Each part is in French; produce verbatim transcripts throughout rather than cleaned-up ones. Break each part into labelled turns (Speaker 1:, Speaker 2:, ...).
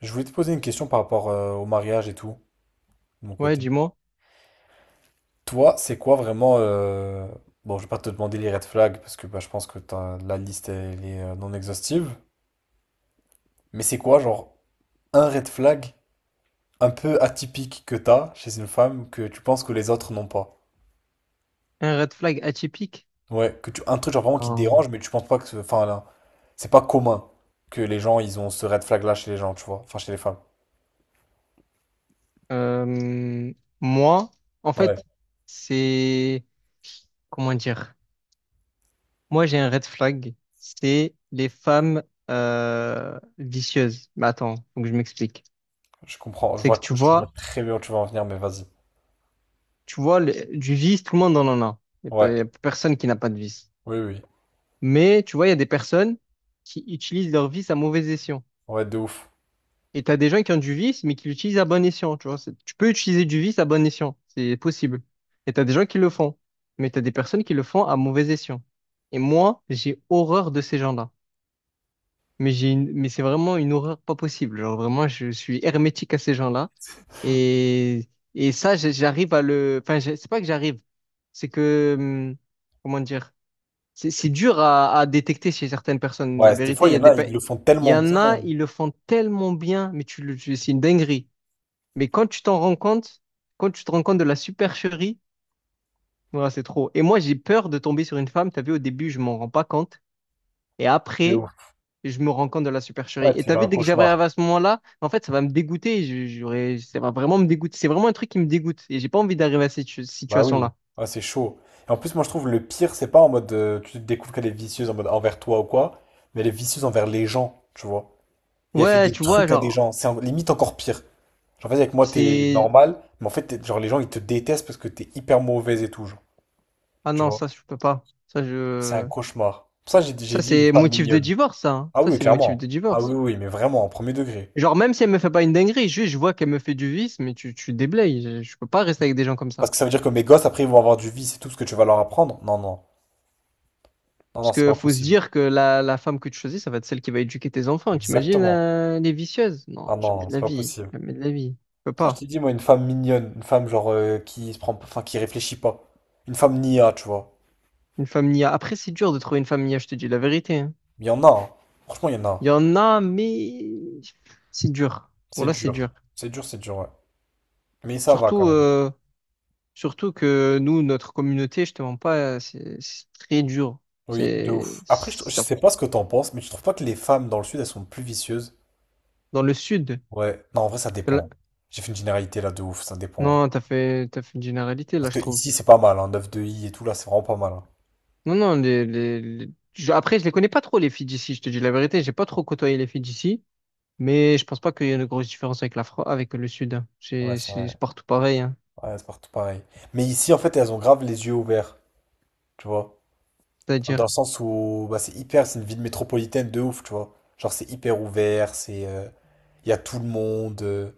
Speaker 1: Je voulais te poser une question par rapport euh, au mariage et tout, de mon
Speaker 2: Ouais,
Speaker 1: côté.
Speaker 2: dis-moi.
Speaker 1: Toi, c'est quoi vraiment... euh, Bon, je vais pas te demander les red flags, parce que bah, je pense que t'as- la liste, elle est euh, non exhaustive. Mais c'est quoi, genre, un red flag un peu atypique que t'as chez une femme que tu penses que les autres n'ont pas?
Speaker 2: Un red flag atypique.
Speaker 1: Ouais, que tu... un truc genre vraiment qui te
Speaker 2: Ah,
Speaker 1: dérange, mais tu penses pas que... ce- Enfin, là, c'est pas commun que les gens, ils ont ce red flag-là chez les gens, tu vois. Enfin, chez les femmes.
Speaker 2: Euh, moi, en
Speaker 1: Ouais,
Speaker 2: fait, c'est... Comment dire? Moi, j'ai un red flag. C'est les femmes euh, vicieuses. Mais attends, faut que je m'explique.
Speaker 1: je comprends. Je
Speaker 2: C'est
Speaker 1: vois,
Speaker 2: que tu
Speaker 1: je vois
Speaker 2: vois,
Speaker 1: très bien où tu vas en venir, mais vas-y.
Speaker 2: tu vois, le- du vice, tout le monde en en a. Il n'y a, pas-
Speaker 1: Ouais,
Speaker 2: Y a personne qui n'a pas de vice.
Speaker 1: oui, oui.
Speaker 2: Mais tu vois, il y a des personnes qui utilisent leur vice à mauvais escient.
Speaker 1: Ouais, de ouf.
Speaker 2: Et t'as des gens qui ont du vice, mais qui l'utilisent à bon escient, tu vois. C'est- Tu peux utiliser du vice à bon escient, c'est possible. Et t'as des gens qui le font, mais t'as des personnes qui le font à mauvais escient. Et moi, j'ai horreur de ces gens-là. Mais j'ai une... mais c'est vraiment une horreur pas possible. Genre vraiment, je suis hermétique à ces gens-là. Et et ça, j'ai- j'arrive à le. Enfin, j'ai- c'est pas que j'arrive, c'est que hum, comment dire. C'est c'est dur à, à détecter chez certaines personnes. La
Speaker 1: Ouais, des
Speaker 2: vérité,
Speaker 1: fois,
Speaker 2: il
Speaker 1: il
Speaker 2: y
Speaker 1: y
Speaker 2: a
Speaker 1: en
Speaker 2: des,
Speaker 1: a,
Speaker 2: pa-
Speaker 1: ils le font
Speaker 2: il y
Speaker 1: tellement
Speaker 2: en
Speaker 1: bien.
Speaker 2: a, ils le font tellement bien, mais tu, le- tu- c'est une dinguerie. Mais quand tu t'en rends compte, quand tu te rends compte de la supercherie, voilà, c'est trop. Et moi, j'ai peur de tomber sur une femme. T'as vu, au début, je m'en rends pas compte. Et
Speaker 1: C'est
Speaker 2: après,
Speaker 1: ouf.
Speaker 2: je me rends compte de la supercherie.
Speaker 1: Ouais,
Speaker 2: Et
Speaker 1: tu
Speaker 2: t'as
Speaker 1: fais
Speaker 2: vu,
Speaker 1: un
Speaker 2: dès que j'arrive
Speaker 1: cauchemar.
Speaker 2: à ce moment-là, en fait, ça va me dégoûter. Je- J'aurais, ça va vraiment me dégoûter. C'est vraiment un truc qui me dégoûte. Et j'ai pas envie d'arriver à cette ch-
Speaker 1: Bah oui.
Speaker 2: situation-là.
Speaker 1: Ah, c'est chaud. Et en plus, moi, je trouve le pire, c'est pas en mode euh, tu découvres qu'elle est vicieuse en mode envers toi ou quoi, mais elle est vicieuse envers les gens, tu vois. Et elle fait
Speaker 2: Ouais,
Speaker 1: des
Speaker 2: tu vois,
Speaker 1: trucs à des
Speaker 2: genre,
Speaker 1: gens. C'est en- limite encore pire. Genre, vas-y, avec moi, t'es
Speaker 2: c'est,
Speaker 1: normal, mais en fait, t'es- genre, les gens, ils te détestent parce que t'es hyper mauvaise et tout, genre.
Speaker 2: ah
Speaker 1: Tu
Speaker 2: non,
Speaker 1: vois.
Speaker 2: ça, je peux pas. Ça,
Speaker 1: C'est un
Speaker 2: je,
Speaker 1: cauchemar. Pour ça, j'ai dit, j'ai
Speaker 2: ça,
Speaker 1: dit une
Speaker 2: c'est
Speaker 1: femme
Speaker 2: motif de
Speaker 1: mignonne.
Speaker 2: divorce, ça, hein.
Speaker 1: Ah
Speaker 2: Ça,
Speaker 1: oui,
Speaker 2: c'est motif de
Speaker 1: clairement. Ah oui,
Speaker 2: divorce.
Speaker 1: oui, oui, mais vraiment, en premier degré.
Speaker 2: Genre, même si elle me fait pas une dinguerie, juste je vois qu'elle me fait du vice, mais tu, tu déblayes. Je, je peux pas rester avec des gens comme ça.
Speaker 1: Parce que ça veut dire que mes gosses, après, ils vont avoir du vice et tout ce que tu vas leur apprendre. Non, non. Non, non,
Speaker 2: Parce
Speaker 1: c'est
Speaker 2: que
Speaker 1: pas
Speaker 2: faut se
Speaker 1: possible.
Speaker 2: dire que la, la femme que tu choisis, ça va être celle qui va éduquer tes enfants. T'imagines,
Speaker 1: Exactement.
Speaker 2: euh, les vicieuses? Non,
Speaker 1: Ah
Speaker 2: jamais
Speaker 1: non,
Speaker 2: de
Speaker 1: c'est
Speaker 2: la
Speaker 1: pas
Speaker 2: vie.
Speaker 1: possible.
Speaker 2: Jamais de la vie. Je peux
Speaker 1: Ça,
Speaker 2: pas.
Speaker 1: je t'ai dit, moi, une femme mignonne, une femme genre euh, qui se prend, enfin, qui réfléchit pas. Une femme nia, tu vois.
Speaker 2: Une femme nia. Après, c'est dur de trouver une femme nia, je te dis la vérité, hein.
Speaker 1: Il y en a, hein. Franchement, il y en a.
Speaker 2: Il y en a, mais c'est dur.
Speaker 1: C'est
Speaker 2: Voilà, c'est
Speaker 1: dur.
Speaker 2: dur.
Speaker 1: C'est dur, c'est dur, ouais. Mais ça va quand
Speaker 2: Surtout,
Speaker 1: même.
Speaker 2: euh, Surtout que nous, notre communauté, je te mens pas, c'est c'est très dur.
Speaker 1: Oui, de
Speaker 2: C'est
Speaker 1: ouf. Après, je, trou- je
Speaker 2: ça.
Speaker 1: sais pas ce que t'en penses, mais tu trouves pas que les femmes dans le sud, elles sont plus vicieuses?
Speaker 2: Dans le sud.
Speaker 1: Ouais. Non, en vrai, ça
Speaker 2: là-
Speaker 1: dépend. J'ai fait une généralité là de ouf, ça dépend, ouais.
Speaker 2: Non, t'as fait, t'as fait une généralité,
Speaker 1: Parce
Speaker 2: là, je
Speaker 1: que
Speaker 2: trouve.
Speaker 1: ici, c'est pas mal, hein. neuf de i et tout, là, c'est vraiment pas mal, hein.
Speaker 2: Non, non, les, les, les- je- après, je les connais pas trop, les filles d'ici, je te dis la vérité. J'ai pas trop côtoyé les filles d'ici, mais je pense pas qu'il y ait une grosse différence avec la Fran- avec le sud, hein.
Speaker 1: Ouais,
Speaker 2: C'est
Speaker 1: c'est
Speaker 2: c'est-
Speaker 1: vrai.
Speaker 2: c'est partout pareil, hein.
Speaker 1: Ouais, c'est partout pareil. Mais ici, en fait, elles ont grave les yeux ouverts, tu vois. Dans
Speaker 2: C'est-à-dire.
Speaker 1: le sens où bah, c'est hyper, c'est une ville métropolitaine de ouf, tu vois. Genre c'est hyper ouvert, c'est euh, il y a tout le monde, euh,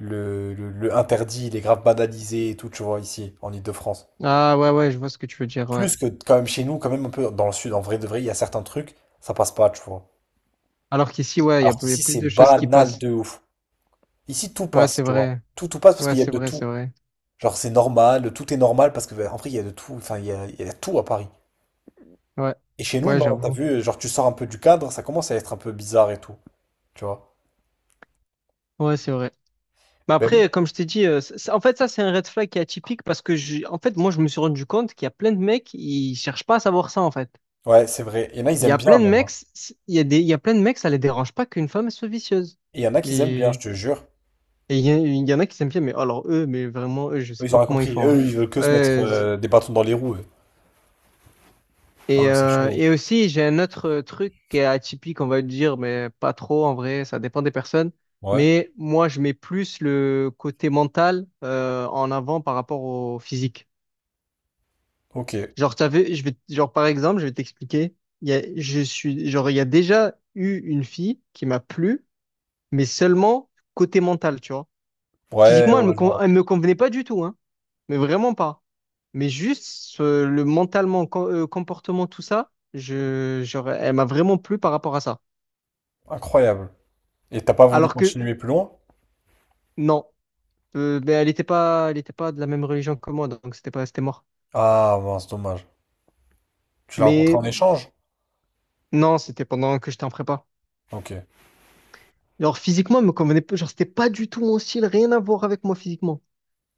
Speaker 1: le, le, le interdit, il est grave banalisé et tout, tu vois, ici, en Île-de-France.
Speaker 2: Ah, ouais, ouais, je vois ce que tu veux dire, ouais.
Speaker 1: Plus que quand même chez nous, quand même un peu dans le sud, en vrai de vrai, il y a certains trucs, ça passe pas, tu vois.
Speaker 2: Alors qu'ici, ouais, il y a
Speaker 1: Alors
Speaker 2: il y a
Speaker 1: qu'ici
Speaker 2: plus
Speaker 1: c'est
Speaker 2: de choses qui
Speaker 1: banal
Speaker 2: passent.
Speaker 1: de ouf. Ici tout
Speaker 2: Ouais, c'est
Speaker 1: passe, tu vois.
Speaker 2: vrai.
Speaker 1: Tout, tout passe parce
Speaker 2: Ouais,
Speaker 1: qu'il y a
Speaker 2: c'est
Speaker 1: de
Speaker 2: vrai,
Speaker 1: tout.
Speaker 2: c'est vrai.
Speaker 1: Genre c'est normal, tout est normal parce que bah, en vrai il y a de tout, enfin il y a, il y a tout à Paris.
Speaker 2: Ouais,
Speaker 1: Et chez nous,
Speaker 2: ouais,
Speaker 1: non, t'as
Speaker 2: j'avoue.
Speaker 1: vu, genre tu sors un peu du cadre, ça commence à être un peu bizarre et tout, tu vois.
Speaker 2: Ouais, c'est vrai. Mais après,
Speaker 1: Ben,
Speaker 2: comme je t'ai dit, euh, ça- en fait, ça, c'est un red flag qui est atypique parce que, je- en fait, moi, je me suis rendu compte qu'il y a plein de mecs, ils cherchent pas à savoir ça, en fait.
Speaker 1: ouais, c'est vrai. Il y en a, ils
Speaker 2: Il y
Speaker 1: aiment
Speaker 2: a
Speaker 1: bien
Speaker 2: plein de
Speaker 1: même,
Speaker 2: mecs,
Speaker 1: hein.
Speaker 2: c- il y a des, il y a plein de mecs, ça les dérange pas qu'une femme soit vicieuse.
Speaker 1: Et il y en a qui aiment bien, je
Speaker 2: Mais,
Speaker 1: te jure.
Speaker 2: et il y, a- il y en a qui s'aiment bien, mais alors eux, mais vraiment, eux, je
Speaker 1: Eux,
Speaker 2: sais
Speaker 1: ils ont
Speaker 2: pas
Speaker 1: rien
Speaker 2: comment ils
Speaker 1: compris.
Speaker 2: font,
Speaker 1: Eux,
Speaker 2: hein.
Speaker 1: ils veulent que se mettre
Speaker 2: Euh, c'est-
Speaker 1: euh, des bâtons dans les roues, eux.
Speaker 2: et,
Speaker 1: Ah, c'est
Speaker 2: euh,
Speaker 1: chaud.
Speaker 2: et aussi, j'ai un autre euh, truc qui est atypique, on va dire, mais pas trop, en vrai, ça dépend des personnes.
Speaker 1: Ouais.
Speaker 2: Mais moi, je mets plus le côté mental, euh, en avant par rapport au physique.
Speaker 1: Ok.
Speaker 2: Genre, t'avais, je vais, genre, par exemple, je vais t'expliquer. Il y a, je suis, genre, il y a déjà eu une fille qui m'a plu, mais seulement côté mental, tu vois.
Speaker 1: Ouais,
Speaker 2: Physiquement, elle me,
Speaker 1: ouais, je
Speaker 2: con-
Speaker 1: vois.
Speaker 2: elle me convenait pas du tout, hein, mais vraiment pas. Mais juste, euh, le mentalement, com- euh, comportement, tout ça, je, genre, elle m'a vraiment plu par rapport à ça.
Speaker 1: Incroyable. Et t'as pas voulu
Speaker 2: Alors que,
Speaker 1: continuer plus loin?
Speaker 2: non, euh, ben, elle était pas, elle était pas de la même religion que moi, donc c'était pas, c'était mort.
Speaker 1: Ah, mince, dommage. Tu l'as rencontré
Speaker 2: Mais
Speaker 1: en échange?
Speaker 2: non, c'était pendant que j'étais en prépa.
Speaker 1: Ok.
Speaker 2: Genre physiquement, elle me convenait pas. Genre, c'était pas du tout mon style, rien à voir avec moi physiquement.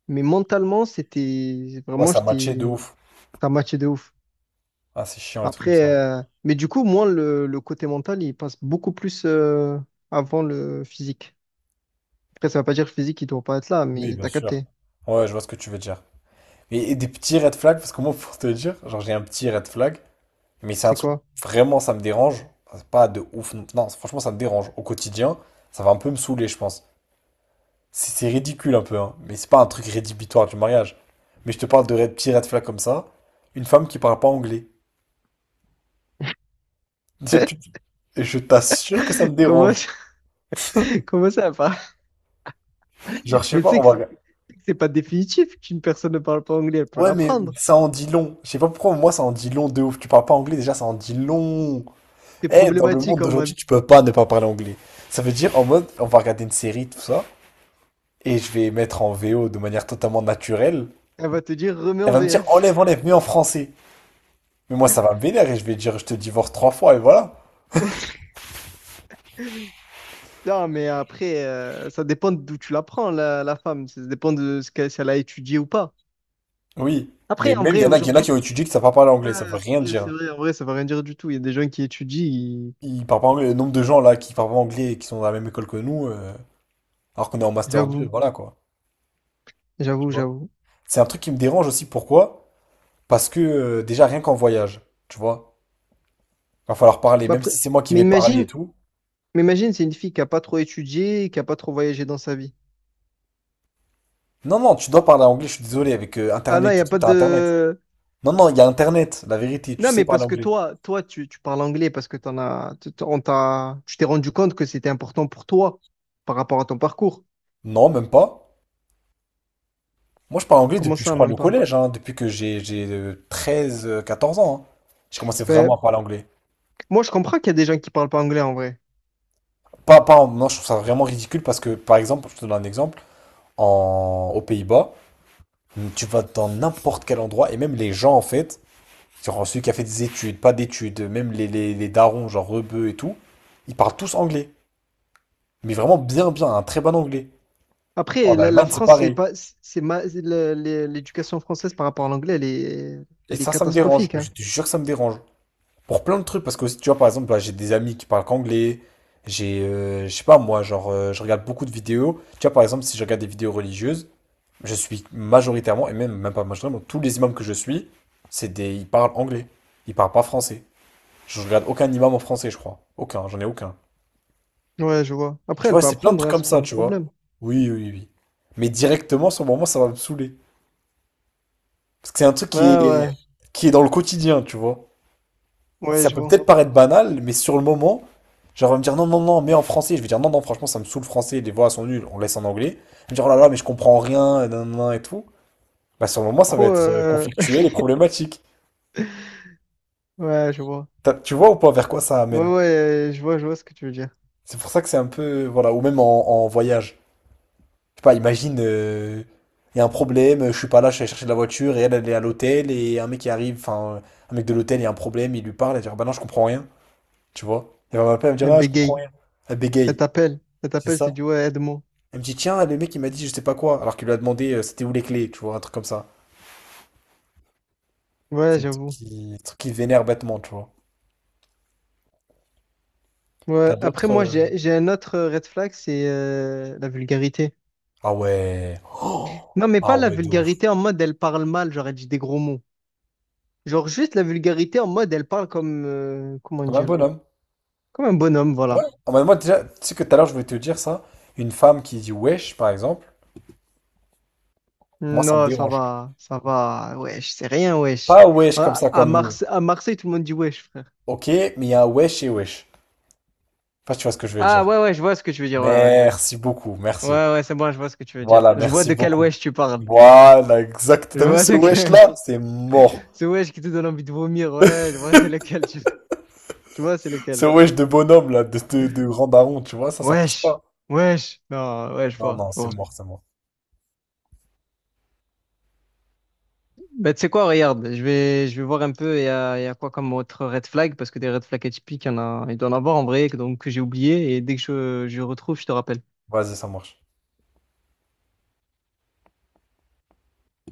Speaker 2: Mais mentalement, c'était
Speaker 1: Ouais,
Speaker 2: vraiment,
Speaker 1: ça matchait de
Speaker 2: j'étais,
Speaker 1: ouf.
Speaker 2: ça matchait de ouf.
Speaker 1: Ah, c'est chiant les trucs comme
Speaker 2: Après,
Speaker 1: ça.
Speaker 2: euh, mais du coup, moi, le, le côté mental, il passe beaucoup plus euh, avant le physique. Après, ça veut pas dire que le physique, il doit pas être là,
Speaker 1: Oui,
Speaker 2: mais
Speaker 1: bien
Speaker 2: t'as
Speaker 1: sûr.
Speaker 2: capté.
Speaker 1: Ouais, je vois ce que tu veux dire. Et, et des petits red flags, parce que moi, pour te dire, genre, j'ai un petit red flag. Mais c'est un
Speaker 2: C'est
Speaker 1: truc,
Speaker 2: quoi?
Speaker 1: vraiment, ça me dérange. C'est pas de ouf. Non, non, franchement, ça me dérange. Au quotidien, ça va un peu me saouler, je pense. C'est c'est ridicule un peu, hein. Mais c'est pas un truc rédhibitoire du mariage. Mais je te parle de red- petits red flags comme ça. Une femme qui parle pas anglais. C'est plus- Et je t'assure que ça me
Speaker 2: Comment
Speaker 1: dérange.
Speaker 2: ça, comment ça va?
Speaker 1: Genre, je sais
Speaker 2: Mais tu
Speaker 1: pas,
Speaker 2: sais
Speaker 1: on
Speaker 2: que c'est
Speaker 1: va...
Speaker 2: que c'est pas définitif qu'une personne ne parle pas anglais, elle peut
Speaker 1: Ouais, mais
Speaker 2: l'apprendre.
Speaker 1: ça en dit long. Je sais pas pourquoi, moi, ça en dit long de ouf. Tu parles pas anglais, déjà, ça en dit long.
Speaker 2: C'est
Speaker 1: Eh, dans le monde
Speaker 2: problématique en
Speaker 1: d'aujourd'hui,
Speaker 2: mode,
Speaker 1: tu peux pas ne pas parler anglais. Ça veut dire, en mode, on va regarder une série, tout ça, et je vais mettre en V O de manière totalement naturelle,
Speaker 2: elle va te dire remets
Speaker 1: elle
Speaker 2: en
Speaker 1: va me dire enlève,
Speaker 2: V F.
Speaker 1: enlève, mets en français. Mais moi, ça va me vénère et je vais dire je te divorce trois fois et voilà.
Speaker 2: Non, mais après, euh, ça dépend d'où tu la prends, la, la femme. Ça dépend de ce qu'elle, si elle a étudié ou pas.
Speaker 1: Oui.
Speaker 2: Après,
Speaker 1: Mais
Speaker 2: en
Speaker 1: même, il
Speaker 2: vrai,
Speaker 1: y en a, il y en a qui
Speaker 2: aujourd'hui,
Speaker 1: ont étudié qui ne savent pas parler
Speaker 2: ouais,
Speaker 1: anglais, ça veut rien
Speaker 2: c'est vrai, c'est
Speaker 1: dire.
Speaker 2: vrai, en vrai, ça veut rien dire du tout. Il y a des gens qui étudient, ils-
Speaker 1: Ils parlent pas anglais. Le nombre de gens là qui parlent pas anglais et qui sont dans la même école que nous, euh, alors qu'on est en Master deux,
Speaker 2: j'avoue,
Speaker 1: voilà quoi.
Speaker 2: j'avoue, j'avoue.
Speaker 1: C'est un truc qui me dérange aussi. Pourquoi? Parce que euh, déjà, rien qu'en voyage, tu vois, va falloir parler,
Speaker 2: Bah,
Speaker 1: même
Speaker 2: après,
Speaker 1: si c'est moi qui
Speaker 2: mais
Speaker 1: vais parler et
Speaker 2: imagine,
Speaker 1: tout.
Speaker 2: mais imagine, c'est une fille qui a pas trop étudié, qui a pas trop voyagé dans sa vie.
Speaker 1: Non, non, tu dois parler anglais, je suis désolé, avec euh,
Speaker 2: Ah là, il
Speaker 1: Internet
Speaker 2: n'y
Speaker 1: et
Speaker 2: a
Speaker 1: tout,
Speaker 2: pas
Speaker 1: t'as Internet.
Speaker 2: de...
Speaker 1: Non, non, il y a Internet, la vérité, tu
Speaker 2: Non,
Speaker 1: sais
Speaker 2: mais
Speaker 1: parler
Speaker 2: parce que
Speaker 1: anglais.
Speaker 2: toi, toi, tu, tu parles anglais parce que t'en as, t- t- on t'a, tu t'es rendu compte que c'était important pour toi par rapport à ton parcours.
Speaker 1: Non, même pas. Moi, je parle anglais
Speaker 2: Comment
Speaker 1: depuis, je
Speaker 2: ça,
Speaker 1: crois,
Speaker 2: même
Speaker 1: le
Speaker 2: pas?
Speaker 1: collège, hein, depuis que j'ai j'ai euh, treize, euh, quatorze ans, hein. J'ai commencé vraiment
Speaker 2: Ben,
Speaker 1: à parler anglais.
Speaker 2: moi, je comprends qu'il y a des gens qui parlent pas anglais en vrai.
Speaker 1: Pas, pas, en- Non, je trouve ça vraiment ridicule parce que, par exemple, je te donne un exemple, en, aux Pays-Bas, hmm, tu vas dans n'importe quel endroit et même les gens, en fait, genre celui qui a fait des études, pas d'études, même les, les, les darons, genre rebeux et tout, ils parlent tous anglais. Mais vraiment bien, bien, un très bon anglais.
Speaker 2: Après,
Speaker 1: En
Speaker 2: la, la
Speaker 1: Allemagne, c'est
Speaker 2: France, c'est
Speaker 1: pareil.
Speaker 2: pas, c'est ma- le- le- l'éducation française par rapport à l'anglais, elle est,
Speaker 1: Et
Speaker 2: elle est
Speaker 1: ça, ça me dérange.
Speaker 2: catastrophique,
Speaker 1: Je
Speaker 2: hein.
Speaker 1: te jure que ça me dérange. Pour plein de trucs, parce que aussi, tu vois, par exemple, bah, j'ai des amis qui parlent qu'anglais, j'ai, euh, je sais pas, moi, genre, euh, je regarde beaucoup de vidéos. Tu vois, par exemple, si je regarde des vidéos religieuses, je suis majoritairement, et même, même pas majoritairement, tous les imams que je suis, c'est des, ils parlent anglais, ils parlent pas français. Je regarde aucun imam en français, je crois. Aucun, j'en ai aucun.
Speaker 2: Ouais, je vois.
Speaker 1: Tu
Speaker 2: Après, elle
Speaker 1: vois,
Speaker 2: peut
Speaker 1: c'est plein de
Speaker 2: apprendre,
Speaker 1: trucs
Speaker 2: hein,
Speaker 1: comme
Speaker 2: c'est pas
Speaker 1: ça,
Speaker 2: un
Speaker 1: tu vois.
Speaker 2: problème.
Speaker 1: Oui, oui, oui, oui. Mais directement, sur le moment, ça va me saouler. Parce que c'est un truc
Speaker 2: Ouais,
Speaker 1: qui est,
Speaker 2: ouais,
Speaker 1: qui est dans le quotidien, tu vois.
Speaker 2: ouais,
Speaker 1: Ça
Speaker 2: je
Speaker 1: peut
Speaker 2: vois.
Speaker 1: peut-être paraître banal, mais sur le moment, genre, elle va me dire non, non, non, mais en français. Je vais dire non, non, franchement, ça me saoule le français, les voix sont nulles, on laisse en anglais. Elle me dire oh là là, mais je comprends rien, et nan, nan, nan, et tout. Bah, sur le moment, ça va
Speaker 2: Trop,
Speaker 1: être euh,
Speaker 2: euh,
Speaker 1: conflictuel et problématique.
Speaker 2: ouais, je vois.
Speaker 1: T'as- Tu vois ou pas vers quoi ça
Speaker 2: Ouais,
Speaker 1: amène?
Speaker 2: ouais, euh, je vois, je vois ce que tu veux dire.
Speaker 1: C'est pour ça que c'est un peu, voilà, ou même en, en voyage. Je sais pas, imagine, euh, il y a un problème, je suis pas là, je suis allé chercher de la voiture, et elle, elle est à l'hôtel, et un mec qui arrive, enfin, un mec de l'hôtel, il y a un problème, il lui parle, elle dit, ah bah non, je comprends rien, tu vois. Elle va m'appeler, elle me dire,
Speaker 2: Elle
Speaker 1: ah, je comprends
Speaker 2: bégaye,
Speaker 1: rien. Elle
Speaker 2: elle
Speaker 1: bégaye,
Speaker 2: t'appelle, elle
Speaker 1: c'est
Speaker 2: t'appelle, tu
Speaker 1: ça?
Speaker 2: dis ouais, aide-moi.
Speaker 1: Elle me dit, tiens, le mec, il m'a dit je sais pas quoi, alors qu'il lui a demandé euh, c'était où les clés, tu vois, un truc comme ça.
Speaker 2: Ouais,
Speaker 1: C'est un truc
Speaker 2: j'avoue.
Speaker 1: qui, un truc qui vénère bêtement, tu vois. T'as
Speaker 2: Ouais. Après,
Speaker 1: d'autres.
Speaker 2: moi,
Speaker 1: euh,
Speaker 2: j'ai, j'ai un autre euh, red flag, c'est euh, la vulgarité.
Speaker 1: Ah ouais. Oh.
Speaker 2: Non, mais pas
Speaker 1: Ah
Speaker 2: la
Speaker 1: ouais, de ouf.
Speaker 2: vulgarité en mode elle parle mal, j'aurais dit des gros mots. Genre juste la vulgarité en mode elle parle comme euh, comment
Speaker 1: Comme un
Speaker 2: dire?
Speaker 1: bonhomme.
Speaker 2: Comme un bonhomme,
Speaker 1: Ouais.
Speaker 2: voilà.
Speaker 1: Ah bah, moi, déjà, tu sais que tout à l'heure, je voulais te dire ça. Une femme qui dit wesh, par exemple, moi, ça me
Speaker 2: Non, ça
Speaker 1: dérange.
Speaker 2: va, ça va. Wesh, c'est rien, wesh.
Speaker 1: Pas wesh comme
Speaker 2: À,
Speaker 1: ça,
Speaker 2: à
Speaker 1: comme nous.
Speaker 2: Marse- à Marseille, tout le monde dit wesh, frère.
Speaker 1: Ok, mais il y a un wesh et wesh. Enfin, tu vois ce que je veux dire.
Speaker 2: Ah ouais, ouais, je vois ce que tu veux dire, ouais, ouais.
Speaker 1: Merci beaucoup,
Speaker 2: Ouais,
Speaker 1: merci.
Speaker 2: ouais, c'est bon, je vois ce que tu veux dire.
Speaker 1: Voilà,
Speaker 2: Je vois
Speaker 1: merci
Speaker 2: de quel
Speaker 1: beaucoup.
Speaker 2: wesh tu parles.
Speaker 1: Voilà, exact.
Speaker 2: Je
Speaker 1: T'as vu
Speaker 2: vois
Speaker 1: ce
Speaker 2: de
Speaker 1: wesh
Speaker 2: quel
Speaker 1: là? C'est mort.
Speaker 2: ce wesh qui te donne envie de vomir, ouais, je vois c'est lequel tu... Je vois c'est
Speaker 1: Ce
Speaker 2: lequel.
Speaker 1: wesh de bonhomme, là, de, de, de grand daron, tu vois, ça, ça passe
Speaker 2: Wesh,
Speaker 1: pas.
Speaker 2: wesh. Non, ouais, je
Speaker 1: Non,
Speaker 2: vois,
Speaker 1: non,
Speaker 2: je
Speaker 1: c'est
Speaker 2: vois.
Speaker 1: mort, c'est mort.
Speaker 2: Ben, tu sais quoi, regarde, je vais, je vais voir un peu, il y a, il y a quoi comme autre red flag, parce que des red flags atypiques, il y en a, il doit en avoir en vrai, que- donc que j'ai oublié, et dès que je, je retrouve, je te rappelle.
Speaker 1: Vas-y, ça marche.